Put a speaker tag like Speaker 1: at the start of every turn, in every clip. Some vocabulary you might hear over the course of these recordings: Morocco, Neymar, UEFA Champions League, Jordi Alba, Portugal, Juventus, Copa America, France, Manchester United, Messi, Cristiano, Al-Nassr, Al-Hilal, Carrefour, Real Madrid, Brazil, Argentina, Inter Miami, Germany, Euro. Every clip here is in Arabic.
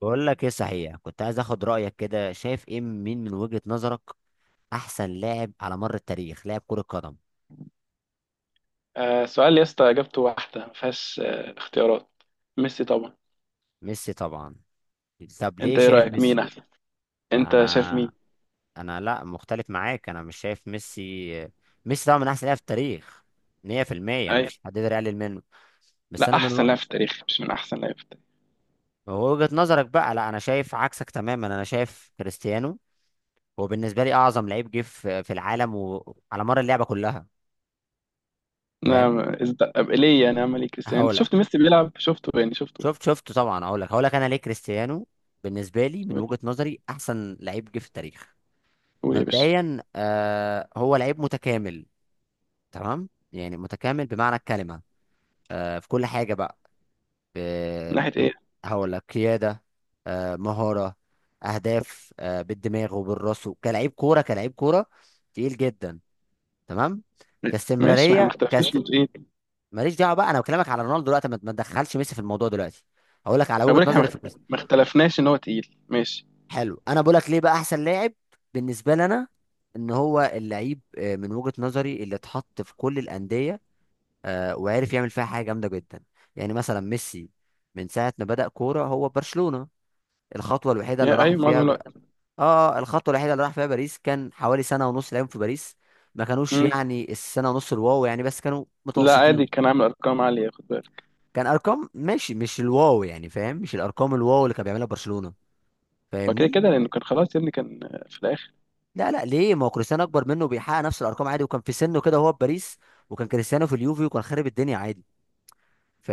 Speaker 1: بقول لك ايه؟ صحيح كنت عايز اخد رايك، كده شايف ايه؟ مين من وجهه نظرك احسن لاعب على مر التاريخ، لاعب كره قدم؟
Speaker 2: سؤال يا اسطى اجابته واحده ما فيهاش اختيارات. ميسي طبعا.
Speaker 1: ميسي طبعا. طب ليه
Speaker 2: انت ايه
Speaker 1: شايف
Speaker 2: رايك
Speaker 1: ميسي؟
Speaker 2: مين احسن؟
Speaker 1: لا
Speaker 2: انت شايف
Speaker 1: انا.
Speaker 2: مين؟
Speaker 1: انا لا مختلف معاك، انا مش شايف ميسي. ميسي طبعا من احسن لاعب في التاريخ. 100% ما
Speaker 2: اي.
Speaker 1: فيش حد يقدر يقلل منه. بس
Speaker 2: لا
Speaker 1: انا من
Speaker 2: احسن لاعب في التاريخ مش من احسن لاعب في التاريخ.
Speaker 1: وجهه نظرك بقى. لا، انا شايف عكسك تماما، انا شايف كريستيانو. هو بالنسبه لي اعظم لعيب جه في العالم وعلى مر اللعبه كلها. فاهم؟
Speaker 2: نعم. ليه يعني اعمل ايه كريستيانو؟ انت
Speaker 1: هقول.
Speaker 2: شفت ميسي بيلعب؟ شفته يعني شفته.
Speaker 1: شفت طبعا، اقول لك، هقول لك انا ليه كريستيانو. بالنسبه لي، من
Speaker 2: قول.
Speaker 1: وجهه نظري، احسن لعيب جه في التاريخ.
Speaker 2: قول يا باشا.
Speaker 1: مبدئيا هو لعيب متكامل. تمام، يعني متكامل بمعنى الكلمه. في كل حاجه بقى. ب-
Speaker 2: من ناحيه
Speaker 1: في-
Speaker 2: ايه؟
Speaker 1: هقول لك: قياده، مهاره، اهداف، بالدماغ وبالراس، كلاعب كوره، كلاعب كوره. تقيل جدا، تمام.
Speaker 2: م- ماشي، ما احنا ما
Speaker 1: كاستمراريه،
Speaker 2: اختلفناش انه تقيل.
Speaker 1: ماليش دعوه بقى، انا بكلمك على رونالدو دلوقتي، ما تدخلش ميسي في الموضوع دلوقتي. هقول لك على
Speaker 2: ما
Speaker 1: وجهه
Speaker 2: بقولك احنا
Speaker 1: نظري في
Speaker 2: ما
Speaker 1: كريستيانو.
Speaker 2: اختلفناش ان هو تقيل، ماشي.
Speaker 1: حلو، انا بقولك ليه بقى احسن لاعب بالنسبه لنا. ان هو اللعيب، من وجهه نظري، اللي اتحط في كل الانديه، وعرف يعمل فيها حاجه جامده جدا. يعني مثلا ميسي، من ساعه ما بدأ كوره هو برشلونه، الخطوه الوحيده اللي
Speaker 2: يا
Speaker 1: راح
Speaker 2: ايوه معظم
Speaker 1: فيها
Speaker 2: الوقت.
Speaker 1: بقى، اه، الخطوه الوحيده اللي راح فيها باريس، كان حوالي سنه ونص لعب في باريس. ما كانوش
Speaker 2: مم.
Speaker 1: يعني، السنه ونص الواو يعني بس، كانوا
Speaker 2: لا عادي،
Speaker 1: متوسطين.
Speaker 2: كان عامل ارقام عاليه، خد بالك.
Speaker 1: كان ارقام ماشي، مش الواو يعني، فاهم؟ مش الارقام الواو اللي كان بيعملها برشلونه.
Speaker 2: وكده
Speaker 1: فاهمني؟
Speaker 2: كده لانه كان خلاص يا ابني، كان في الاخر.
Speaker 1: لا لا، ليه؟ ما هو كريستيانو اكبر منه وبيحقق نفس الارقام عادي، وكان في سنه كده وهو في باريس، وكان كريستيانو في اليوفي وكان خارب الدنيا عادي.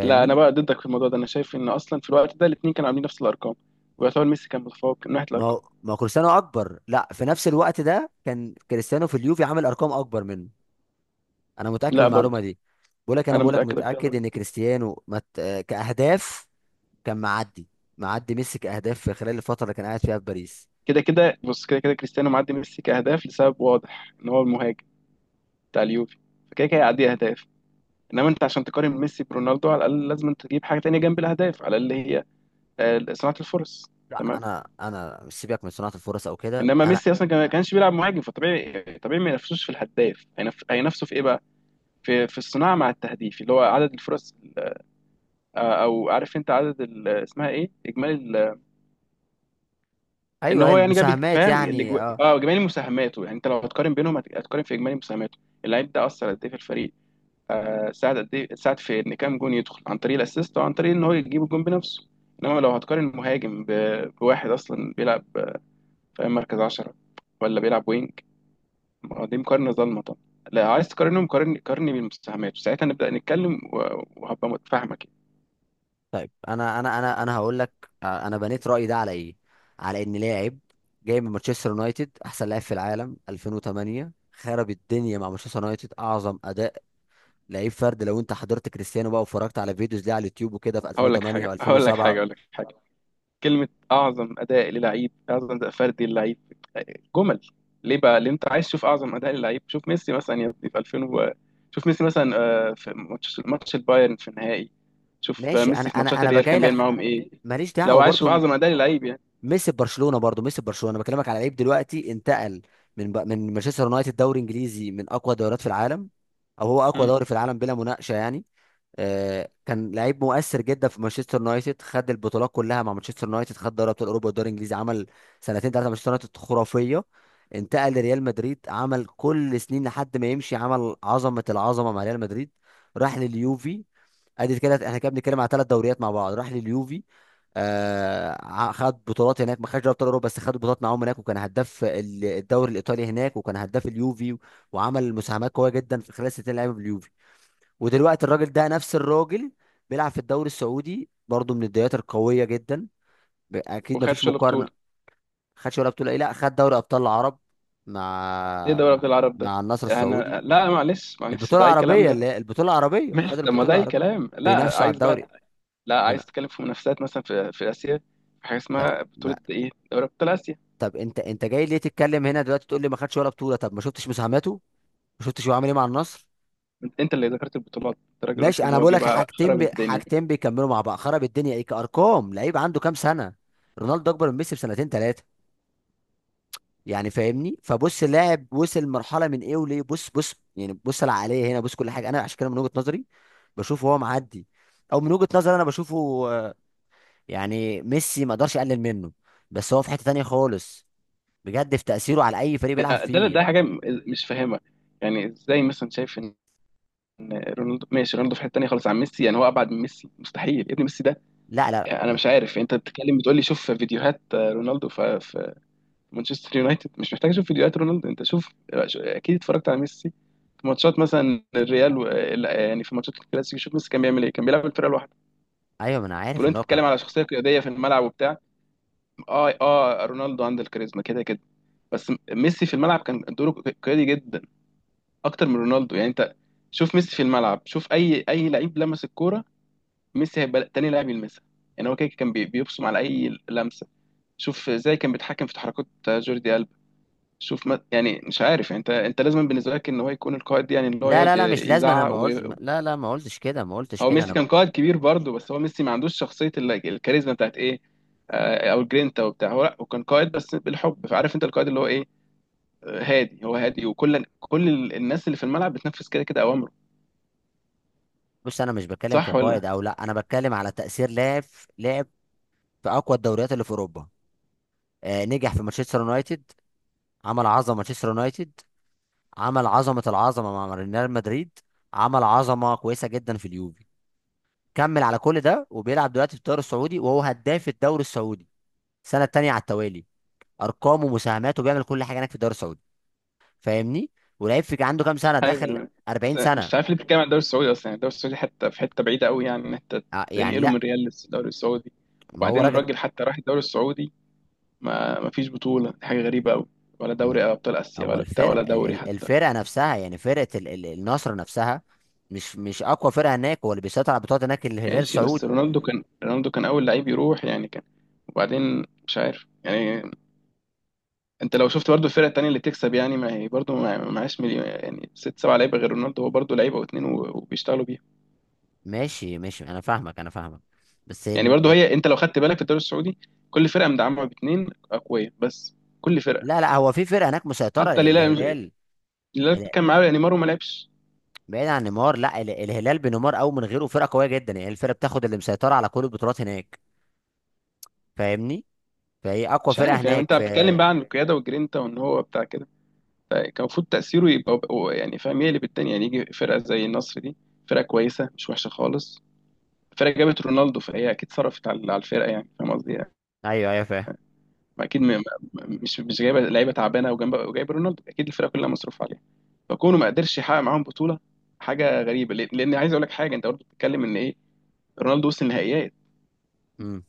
Speaker 2: لا انا بقى ضدك في الموضوع ده، انا شايف ان اصلا في الوقت ده الاثنين كانوا عاملين نفس الارقام، ويعتبر ميسي كان متفوق من ناحيه
Speaker 1: ما
Speaker 2: الارقام.
Speaker 1: هو ما هو كريستيانو اكبر، لا، في نفس الوقت ده كان كريستيانو في اليوفي عامل ارقام اكبر منه. انا متاكد من
Speaker 2: لا
Speaker 1: المعلومه
Speaker 2: برضه.
Speaker 1: دي. بقول لك، انا
Speaker 2: انا
Speaker 1: بقول لك
Speaker 2: متاكد اكتر
Speaker 1: متاكد
Speaker 2: منه.
Speaker 1: ان كريستيانو مت... آه، كاهداف كان معدي. معدي ميسي كاهداف في خلال الفتره اللي كان قاعد فيها في باريس.
Speaker 2: كده كده بص، كده كده كريستيانو معدي ميسي كاهداف لسبب واضح ان هو المهاجم بتاع اليوفي، فكده كده يعدي اهداف. انما انت عشان تقارن ميسي برونالدو على الاقل لازم انت تجيب حاجه تانية جنب الاهداف، على الاقل هي صناعه الفرص.
Speaker 1: لا،
Speaker 2: تمام.
Speaker 1: انا مش سيبك من صناعه الفرص او كده
Speaker 2: انما
Speaker 1: انا.
Speaker 2: ميسي اصلا ما كانش بيلعب مهاجم، فطبيعي طبيعي ما ينافسوش في الهداف، هينافسوا في ايه بقى؟ في الصناعه مع التهديف اللي هو عدد الفرص، او عارف انت عدد اسمها ايه، اجمالي ال- ان
Speaker 1: ايوه،
Speaker 2: هو يعني جاب،
Speaker 1: المساهمات
Speaker 2: فاهم،
Speaker 1: يعني، اه.
Speaker 2: اجمالي مساهماته. يعني انت لو هتقارن بينهم هتقارن في اجمالي مساهماته، اللعيب ده اثر قد ايه في الفريق، آه، ساعد قد ايه، ساعد في ان كام جون يدخل عن طريق الاسيست او عن طريق ان هو يجيب الجون بنفسه. انما لو هتقارن مهاجم بواحد اصلا بيلعب في مركز 10 ولا بيلعب وينج، ما هو دي مقارنه ظالمه طبعا. لا عايز تقارنهم؟ قارني قارني بالمساهمات، ساعتها نبدا نتكلم وهبقى متفاهمك يعني.
Speaker 1: طيب، انا هقول لك، انا بنيت رايي ده على ايه؟ على ان لاعب جاي من مانشستر يونايتد، احسن لاعب في العالم 2008، خرب الدنيا مع مانشستر يونايتد، اعظم اداء لعيب فرد. لو انت حضرت كريستيانو بقى واتفرجت على فيديوز ليه على اليوتيوب وكده في
Speaker 2: هقول لك
Speaker 1: 2008
Speaker 2: حاجه، هقول لك حاجه،
Speaker 1: و2007.
Speaker 2: هقول لك كلمة: أعظم أداء للعيب، أعظم أداء فردي للعيب، جمل. ليه بقى؟ لأن أنت عايز تشوف أعظم أداء للعيب، شوف ميسي مثلا يا ابني في 2000 و... شوف ميسي مثلا في ماتش البايرن في النهائي، شوف
Speaker 1: ماشي، انا
Speaker 2: ميسي في
Speaker 1: انا
Speaker 2: ماتشات
Speaker 1: انا
Speaker 2: الريال
Speaker 1: بجاي
Speaker 2: كان بيعمل
Speaker 1: لك،
Speaker 2: معاهم إيه.
Speaker 1: ماليش
Speaker 2: لو
Speaker 1: دعوه
Speaker 2: عايز تشوف
Speaker 1: برضو.
Speaker 2: أعظم أداء للعيب يعني.
Speaker 1: ميسي في برشلونه، برضو ميسي في برشلونه، انا بكلمك على لعيب دلوقتي انتقل من مانشستر يونايتد، دوري انجليزي من اقوى دوريات في العالم، او هو اقوى
Speaker 2: مم.
Speaker 1: دوري في العالم بلا مناقشه يعني. كان لعيب مؤثر جدا في مانشستر يونايتد، خد البطولات كلها مع مانشستر يونايتد، خد دوري ابطال اوروبا والدوري الانجليزي، عمل سنتين ثلاثه مانشستر يونايتد خرافيه. انتقل لريال مدريد، عمل كل سنين لحد ما يمشي، عمل عظمه العظمه مع ريال مدريد. راح لليوفي، ادي كده احنا كده بنتكلم على ثلاث دوريات مع بعض. راح لليوفي، خد بطولات هناك، ما خدش دوري ابطال اوروبا بس خد بطولات معاهم هناك، وكان هداف الدوري الايطالي هناك، وكان هداف اليوفي، وعمل مساهمات قويه جدا في خلال سنتين لعيبه باليوفي. ودلوقتي الراجل ده، نفس الراجل، بيلعب في الدوري السعودي برضه، من الدوريات القويه جدا. اكيد مفيش
Speaker 2: وخدش ولا
Speaker 1: مقارنه.
Speaker 2: بطولة؟
Speaker 1: خدش ولا بطوله ايه؟ لا، خد دوري ابطال العرب
Speaker 2: إيه
Speaker 1: مع
Speaker 2: دوري
Speaker 1: مع
Speaker 2: أبطال العرب ده؟
Speaker 1: مع النصر
Speaker 2: أنا
Speaker 1: السعودي.
Speaker 2: لا، معلش معلش،
Speaker 1: البطوله
Speaker 2: ده أي كلام
Speaker 1: العربيه، اللي
Speaker 2: ده.
Speaker 1: هي البطوله العربيه، خد
Speaker 2: ماشي، طب ما ده
Speaker 1: البطوله
Speaker 2: أي
Speaker 1: العربيه.
Speaker 2: كلام، لا
Speaker 1: بينافسوا على
Speaker 2: عايز بقى.
Speaker 1: الدوري.
Speaker 2: لا عايز
Speaker 1: انا
Speaker 2: تتكلم في منافسات مثلا في آسيا، في حاجة
Speaker 1: طب
Speaker 2: اسمها
Speaker 1: ما
Speaker 2: بطولة إيه؟ دوري أبطال آسيا.
Speaker 1: طب انت جاي ليه تتكلم هنا دلوقتي؟ تقول لي ما خدش ولا بطوله؟ طب ما شفتش مساهماته؟ ما شفتش هو عامل ايه مع النصر؟
Speaker 2: انت اللي ذكرت البطولات، انت راجل
Speaker 1: ماشي،
Speaker 2: قلت ان
Speaker 1: انا
Speaker 2: هو
Speaker 1: بقول
Speaker 2: جه
Speaker 1: لك
Speaker 2: بقى
Speaker 1: حاجتين،
Speaker 2: خرب
Speaker 1: بي...
Speaker 2: الدنيا.
Speaker 1: حاجتين بيكملوا مع بعض. خرب الدنيا ايه كارقام؟ لعيب عنده كام سنه؟ رونالدو اكبر من ميسي بسنتين ثلاثه. يعني فاهمني؟ فبص، اللاعب وصل مرحله من ايه وليه. بص بص يعني، بص العقليه هنا، بص كل حاجه. انا عشان كده من وجهه نظري بشوفه هو معدي، او من وجهه نظري انا بشوفه. آه، يعني ميسي ما اقدرش اقلل منه، بس هو في حته تانية خالص بجد، في تاثيره على اي فريق بيلعب
Speaker 2: ده
Speaker 1: فيه.
Speaker 2: مش فاهمها. يعني ازاي مثلا شايف ان إن رونالدو، ماشي رونالدو في حته تانيه خالص عن ميسي، يعني هو ابعد من ميسي؟ مستحيل يا ابني، ميسي ده.
Speaker 1: لا لا.
Speaker 2: انا مش عارف انت بتتكلم، بتقول لي شوف فيديوهات رونالدو في مانشستر يونايتد. مش محتاج اشوف فيديوهات رونالدو، انت شوف، اكيد اتفرجت على ميسي في ماتشات مثلا الريال و... لا، يعني في ماتشات الكلاسيكو شوف ميسي كان بيعمل ايه، كان بيلعب الفرقه لوحده.
Speaker 1: ايوه، ما انا عارف
Speaker 2: تقول
Speaker 1: ان
Speaker 2: انت
Speaker 1: هو كان.
Speaker 2: بتتكلم على شخصيه قياديه في الملعب وبتاع. اه اه، رونالدو عنده الكاريزما كده كده، بس ميسي في الملعب كان دوره قيادي جدا اكتر من رونالدو. يعني انت شوف ميسي في الملعب، شوف اي لعيب لمس الكوره ميسي هيبقى تاني لاعب يلمسها. يعني هو كده كان بيبصم على اي لمسه، شوف ازاي كان بيتحكم في تحركات جوردي ألبا. شوف، ما يعني مش عارف، يعني انت لازم بالنسبه لك ان هو يكون القائد، يعني اللي هو
Speaker 1: لا
Speaker 2: يقعد
Speaker 1: لا لا، مش لازم، انا
Speaker 2: يزعق
Speaker 1: ما
Speaker 2: و...
Speaker 1: قلت. لا لا، ما قلتش كده، ما قلتش
Speaker 2: هو
Speaker 1: كده، انا
Speaker 2: ميسي كان قائد كبير برضه، بس هو ميسي ما عندوش شخصيه الكاريزما بتاعت ايه، او الجرينتا وبتاع. هو لا هو كان قائد بس بالحب، فعارف انت القائد اللي هو ايه، هادي، هو هادي، وكل كل الناس اللي في الملعب بتنفذ كده كده اوامره.
Speaker 1: بص، انا مش بتكلم
Speaker 2: صح ولا؟
Speaker 1: كقائد او لا، انا بتكلم على تاثير لاعب، لاعب في اقوى الدوريات اللي في اوروبا. نجح في مانشستر يونايتد، عمل عظمه مانشستر يونايتد، عمل عظمه العظمه مع ريال مدريد، عمل عظمه كويسه جدا في اليوفي. كمل على كل ده، وبيلعب دلوقتي في الدوري السعودي وهو هداف الدوري السعودي السنه التانيه على التوالي. ارقامه ومساهماته، بيعمل كل حاجه هناك في الدوري السعودي. فاهمني؟ ولعيب في عنده كام
Speaker 2: مش
Speaker 1: سنه
Speaker 2: عارف
Speaker 1: داخل؟
Speaker 2: أنا.
Speaker 1: 40
Speaker 2: أصل مش
Speaker 1: سنه!
Speaker 2: عارف ليه بتتكلم عن الدوري السعودي اصلا. يعني الدوري السعودي حتى في حته بعيده قوي، يعني ان انت
Speaker 1: يعني
Speaker 2: تنقله من
Speaker 1: لا،
Speaker 2: ريال للدوري السعودي.
Speaker 1: ما هو
Speaker 2: وبعدين
Speaker 1: راجل،
Speaker 2: الراجل حتى راح الدوري السعودي، ما فيش بطوله، دي حاجه غريبه قوي، ولا دوري
Speaker 1: م-
Speaker 2: ابطال اسيا
Speaker 1: هو
Speaker 2: ولا بتاع
Speaker 1: الفرق
Speaker 2: ولا دوري حتى.
Speaker 1: الفرقه نفسها، يعني فرقه النصر نفسها. مش اقوى فرقه هناك، هو اللي بيسيطر على البطولات هناك الهلال
Speaker 2: ماشي بس
Speaker 1: السعودي.
Speaker 2: رونالدو كان، رونالدو كان اول لعيب يروح يعني كان، وبعدين مش عارف يعني. انت لو شفت برضو الفرق التانية اللي تكسب، يعني ما هي برضو ما معهاش مليون، يعني ست سبع لعيبة غير رونالدو، هو برضو لعيبة واتنين وبيشتغلوا بيها.
Speaker 1: ماشي ماشي، انا فاهمك انا فاهمك، بس
Speaker 2: يعني برضو هي، انت لو خدت بالك في الدوري السعودي، كل فرقة مدعمة باتنين أقوياء بس، كل فرقة.
Speaker 1: لا لا، هو في فرقه هناك مسيطره،
Speaker 2: حتى الهلال
Speaker 1: الهلال.
Speaker 2: الهلال
Speaker 1: ال-
Speaker 2: كان معاه نيمار وما لعبش.
Speaker 1: بعيد عن نيمار، لا الهلال بنيمار او من غيره فرقه قويه جدا، يعني الفرقه بتاخد اللي مسيطره على كل البطولات هناك. فاهمني؟ فهي اقوى
Speaker 2: مش
Speaker 1: فرقه
Speaker 2: عارف يعني
Speaker 1: هناك
Speaker 2: انت
Speaker 1: في.
Speaker 2: بتتكلم بقى عن القيادة والجرينتا وان هو بتاع كده، فكان المفروض تأثيره يبقى هو يعني فاهم يقلب الدنيا، يعني يجي فرقة زي النصر دي، فرقة كويسة مش وحشة خالص، فرقة جابت رونالدو فهي أكيد صرفت على الفرقة، يعني فاهم قصدي.
Speaker 1: ايوه، ايوه فاهم.
Speaker 2: ما اكيد مش جايبه لعيبه تعبانه وجنب وجايب رونالدو، اكيد الفرقه كلها مصروف عليها، فكونه ما قدرش يحقق معاهم بطوله حاجه غريبه. لان عايز اقول لك حاجه، انت برضه بتتكلم ان ايه رونالدو وصل النهائيات،
Speaker 1: امم.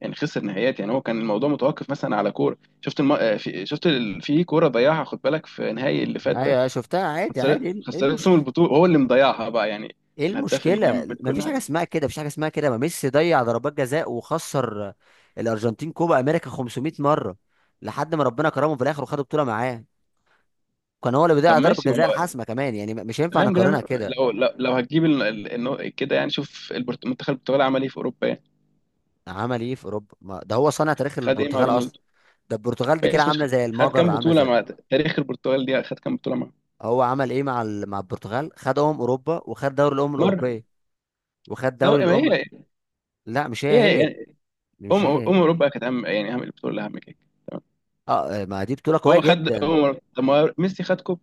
Speaker 2: يعني خسر نهائيات، يعني هو كان الموضوع متوقف مثلا على كوره، شفت شفت في كوره ضيعها خد بالك، في نهائي اللي فات
Speaker 1: ايوه،
Speaker 2: ده،
Speaker 1: أيوة، شفتها عادي عادي. ايه؟
Speaker 2: خسرت
Speaker 1: إيه
Speaker 2: خسرتهم
Speaker 1: المشكله؟
Speaker 2: البطوله هو اللي مضيعها بقى يعني،
Speaker 1: ايه
Speaker 2: الهداف
Speaker 1: المشكله؟
Speaker 2: الجامد
Speaker 1: ما
Speaker 2: كل
Speaker 1: فيش حاجه
Speaker 2: حاجه.
Speaker 1: اسمها كده، مفيش حاجه اسمها كده. ما ميسي ضيع ضربات جزاء وخسر الارجنتين كوبا امريكا 500 مره، لحد ما ربنا كرمه في الاخر وخد بطوله معاه. كان هو اللي
Speaker 2: طب
Speaker 1: بيضيع ضربة
Speaker 2: ماشي، ما
Speaker 1: جزاء
Speaker 2: هو
Speaker 1: الحاسمة كمان يعني، مش ينفع
Speaker 2: تمام كده.
Speaker 1: نقارنها كده.
Speaker 2: لو لو, لو هتجيب كده يعني شوف منتخب البرتغال عمل ايه في اوروبا يعني،
Speaker 1: عمل ايه في اوروبا؟ ما ده هو صانع تاريخ
Speaker 2: خد ايه مع
Speaker 1: البرتغال اصلا.
Speaker 2: رونالدو.
Speaker 1: ده البرتغال دي كده
Speaker 2: ماشي، مش خ-
Speaker 1: عاملة زي
Speaker 2: خد
Speaker 1: المجر،
Speaker 2: كام
Speaker 1: عاملة
Speaker 2: بطولة
Speaker 1: زي.
Speaker 2: مع تاريخ البرتغال دي، خد كام بطولة مع؟
Speaker 1: هو عمل ايه مع مع البرتغال؟ خدهم اوروبا وخد دوري الامم
Speaker 2: مرة.
Speaker 1: الاوروبيه، وخد
Speaker 2: ده
Speaker 1: دوري
Speaker 2: ما
Speaker 1: الامم.
Speaker 2: هي،
Speaker 1: لا، مش هي
Speaker 2: هي
Speaker 1: هي،
Speaker 2: يعني
Speaker 1: مش
Speaker 2: أم
Speaker 1: هي هي،
Speaker 2: أوروبا كانت أهم، يعني أهم البطولة اللي أهم كده. تمام.
Speaker 1: اه، ما دي بطوله قويه
Speaker 2: هو خد أم
Speaker 1: جدا.
Speaker 2: أوروبا، طب ما هو ميسي خد كوب.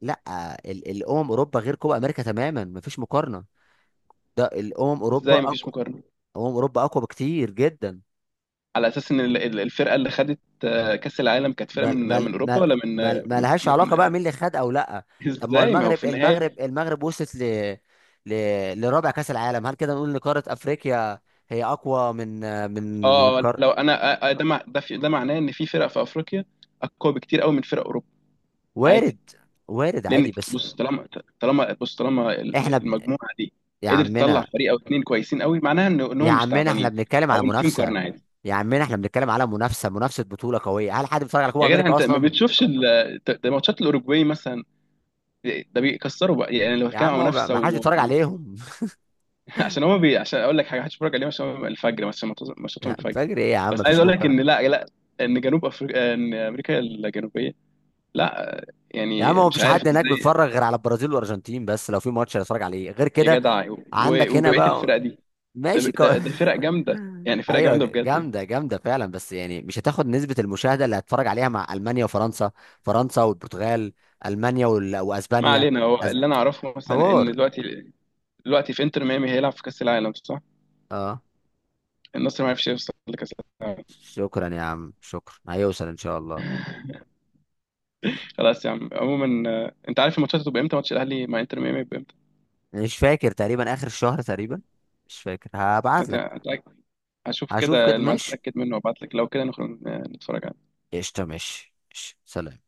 Speaker 1: لا، الامم اوروبا غير كوبا امريكا تماما، مفيش مقارنه. ده الامم اوروبا
Speaker 2: إزاي مفيش
Speaker 1: اقوى،
Speaker 2: مقارنة؟
Speaker 1: اوروبا اقوى بكتير جدا.
Speaker 2: على أساس إن الفرقة اللي خدت كأس العالم كانت فرقة
Speaker 1: ما
Speaker 2: من
Speaker 1: ما
Speaker 2: من أوروبا
Speaker 1: ما
Speaker 2: ولا من
Speaker 1: ما
Speaker 2: من
Speaker 1: لهاش
Speaker 2: من
Speaker 1: علاقه بقى مين اللي خد او لا. طب ما هو
Speaker 2: إزاي؟ ما هو
Speaker 1: المغرب،
Speaker 2: في النهاية.
Speaker 1: وصلت ل... لرابع كاس العالم. هل كده نقول ان قاره افريقيا هي اقوى من من من
Speaker 2: آه
Speaker 1: قار
Speaker 2: لو أنا ده ده معناه إن في فرق في أفريقيا أقوى بكتير قوي من فرق أوروبا. عادي.
Speaker 1: وارد. وارد
Speaker 2: لان
Speaker 1: عادي بس،
Speaker 2: بص، طالما بص، طالما
Speaker 1: احنا
Speaker 2: المجموعه دي
Speaker 1: يا
Speaker 2: قدرت تطلع
Speaker 1: عمنا،
Speaker 2: فريق او اتنين كويسين قوي، معناها ان إن
Speaker 1: يا
Speaker 2: هم مش
Speaker 1: عمنا، احنا
Speaker 2: تعبانين،
Speaker 1: بنتكلم
Speaker 2: او
Speaker 1: على
Speaker 2: ان في
Speaker 1: منافسه.
Speaker 2: مقارنه عادي.
Speaker 1: يا عمنا، احنا بنتكلم على منافسه، منافسه بطوله قويه. هل حد بيتفرج على كوبا
Speaker 2: يا جدع،
Speaker 1: امريكا
Speaker 2: انت ما
Speaker 1: اصلا؟
Speaker 2: بتشوفش ده ماتشات الاوروجواي مثلا، ده بيكسروا بقى، يعني لو
Speaker 1: يا
Speaker 2: كان
Speaker 1: عم، هو
Speaker 2: منافسه
Speaker 1: ما حدش بيتفرج عليهم.
Speaker 2: عشان هما عشان اقول لك حاجه، هتتفرج عليهم عشان هما الفجر مثلا ماتشاتهم
Speaker 1: يا عم
Speaker 2: الفجر.
Speaker 1: فجر ايه يا عم،
Speaker 2: بس عايز
Speaker 1: مفيش
Speaker 2: اقول لك ان،
Speaker 1: مقارنه.
Speaker 2: لا لا، ان جنوب افريقيا ان امريكا الجنوبيه، لا،
Speaker 1: يا عم،
Speaker 2: يعني
Speaker 1: هو
Speaker 2: مش
Speaker 1: مفيش
Speaker 2: عارف
Speaker 1: حد هناك
Speaker 2: ازاي.
Speaker 1: بيتفرج غير على البرازيل والارجنتين بس، لو في ماتش هيتفرج عليه غير
Speaker 2: يا
Speaker 1: كده.
Speaker 2: جدع،
Speaker 1: عندك هنا
Speaker 2: وبقيه الفرق
Speaker 1: بقى.
Speaker 2: دي، ده
Speaker 1: ماشي،
Speaker 2: ده ده فرق جامده، يعني فرق
Speaker 1: ايوه،
Speaker 2: جامده بجد يعني.
Speaker 1: جامده جامده فعلا بس يعني، مش هتاخد نسبه المشاهده اللي هتتفرج عليها مع المانيا وفرنسا، فرنسا والبرتغال، المانيا
Speaker 2: ما
Speaker 1: واسبانيا.
Speaker 2: علينا، هو
Speaker 1: أسب...
Speaker 2: اللي انا اعرفه مثلا ان
Speaker 1: حوار.
Speaker 2: دلوقتي في انتر ميامي هيلعب في كاس العالم، صح؟
Speaker 1: اه،
Speaker 2: النصر ما عرفش يوصل لكاس العالم.
Speaker 1: شكرا يا عم، شكرا، هيوصل ان شاء الله.
Speaker 2: خلاص يا عم، عموما انت عارف الماتشات هتبقى امتى؟ ماتش الاهلي مع انتر ميامي هيبقى امتى؟
Speaker 1: مش فاكر، تقريبا اخر الشهر تقريبا، مش فاكر، هبعت
Speaker 2: هت-
Speaker 1: لك.
Speaker 2: هتلاقي- هشوف
Speaker 1: هشوف
Speaker 2: كده
Speaker 1: كده
Speaker 2: الميعاد،
Speaker 1: ماشي.
Speaker 2: اتاكد منه وابعت لك، لو كده نخرج نتفرج.
Speaker 1: قشطه، ماشي ماشي. سلام.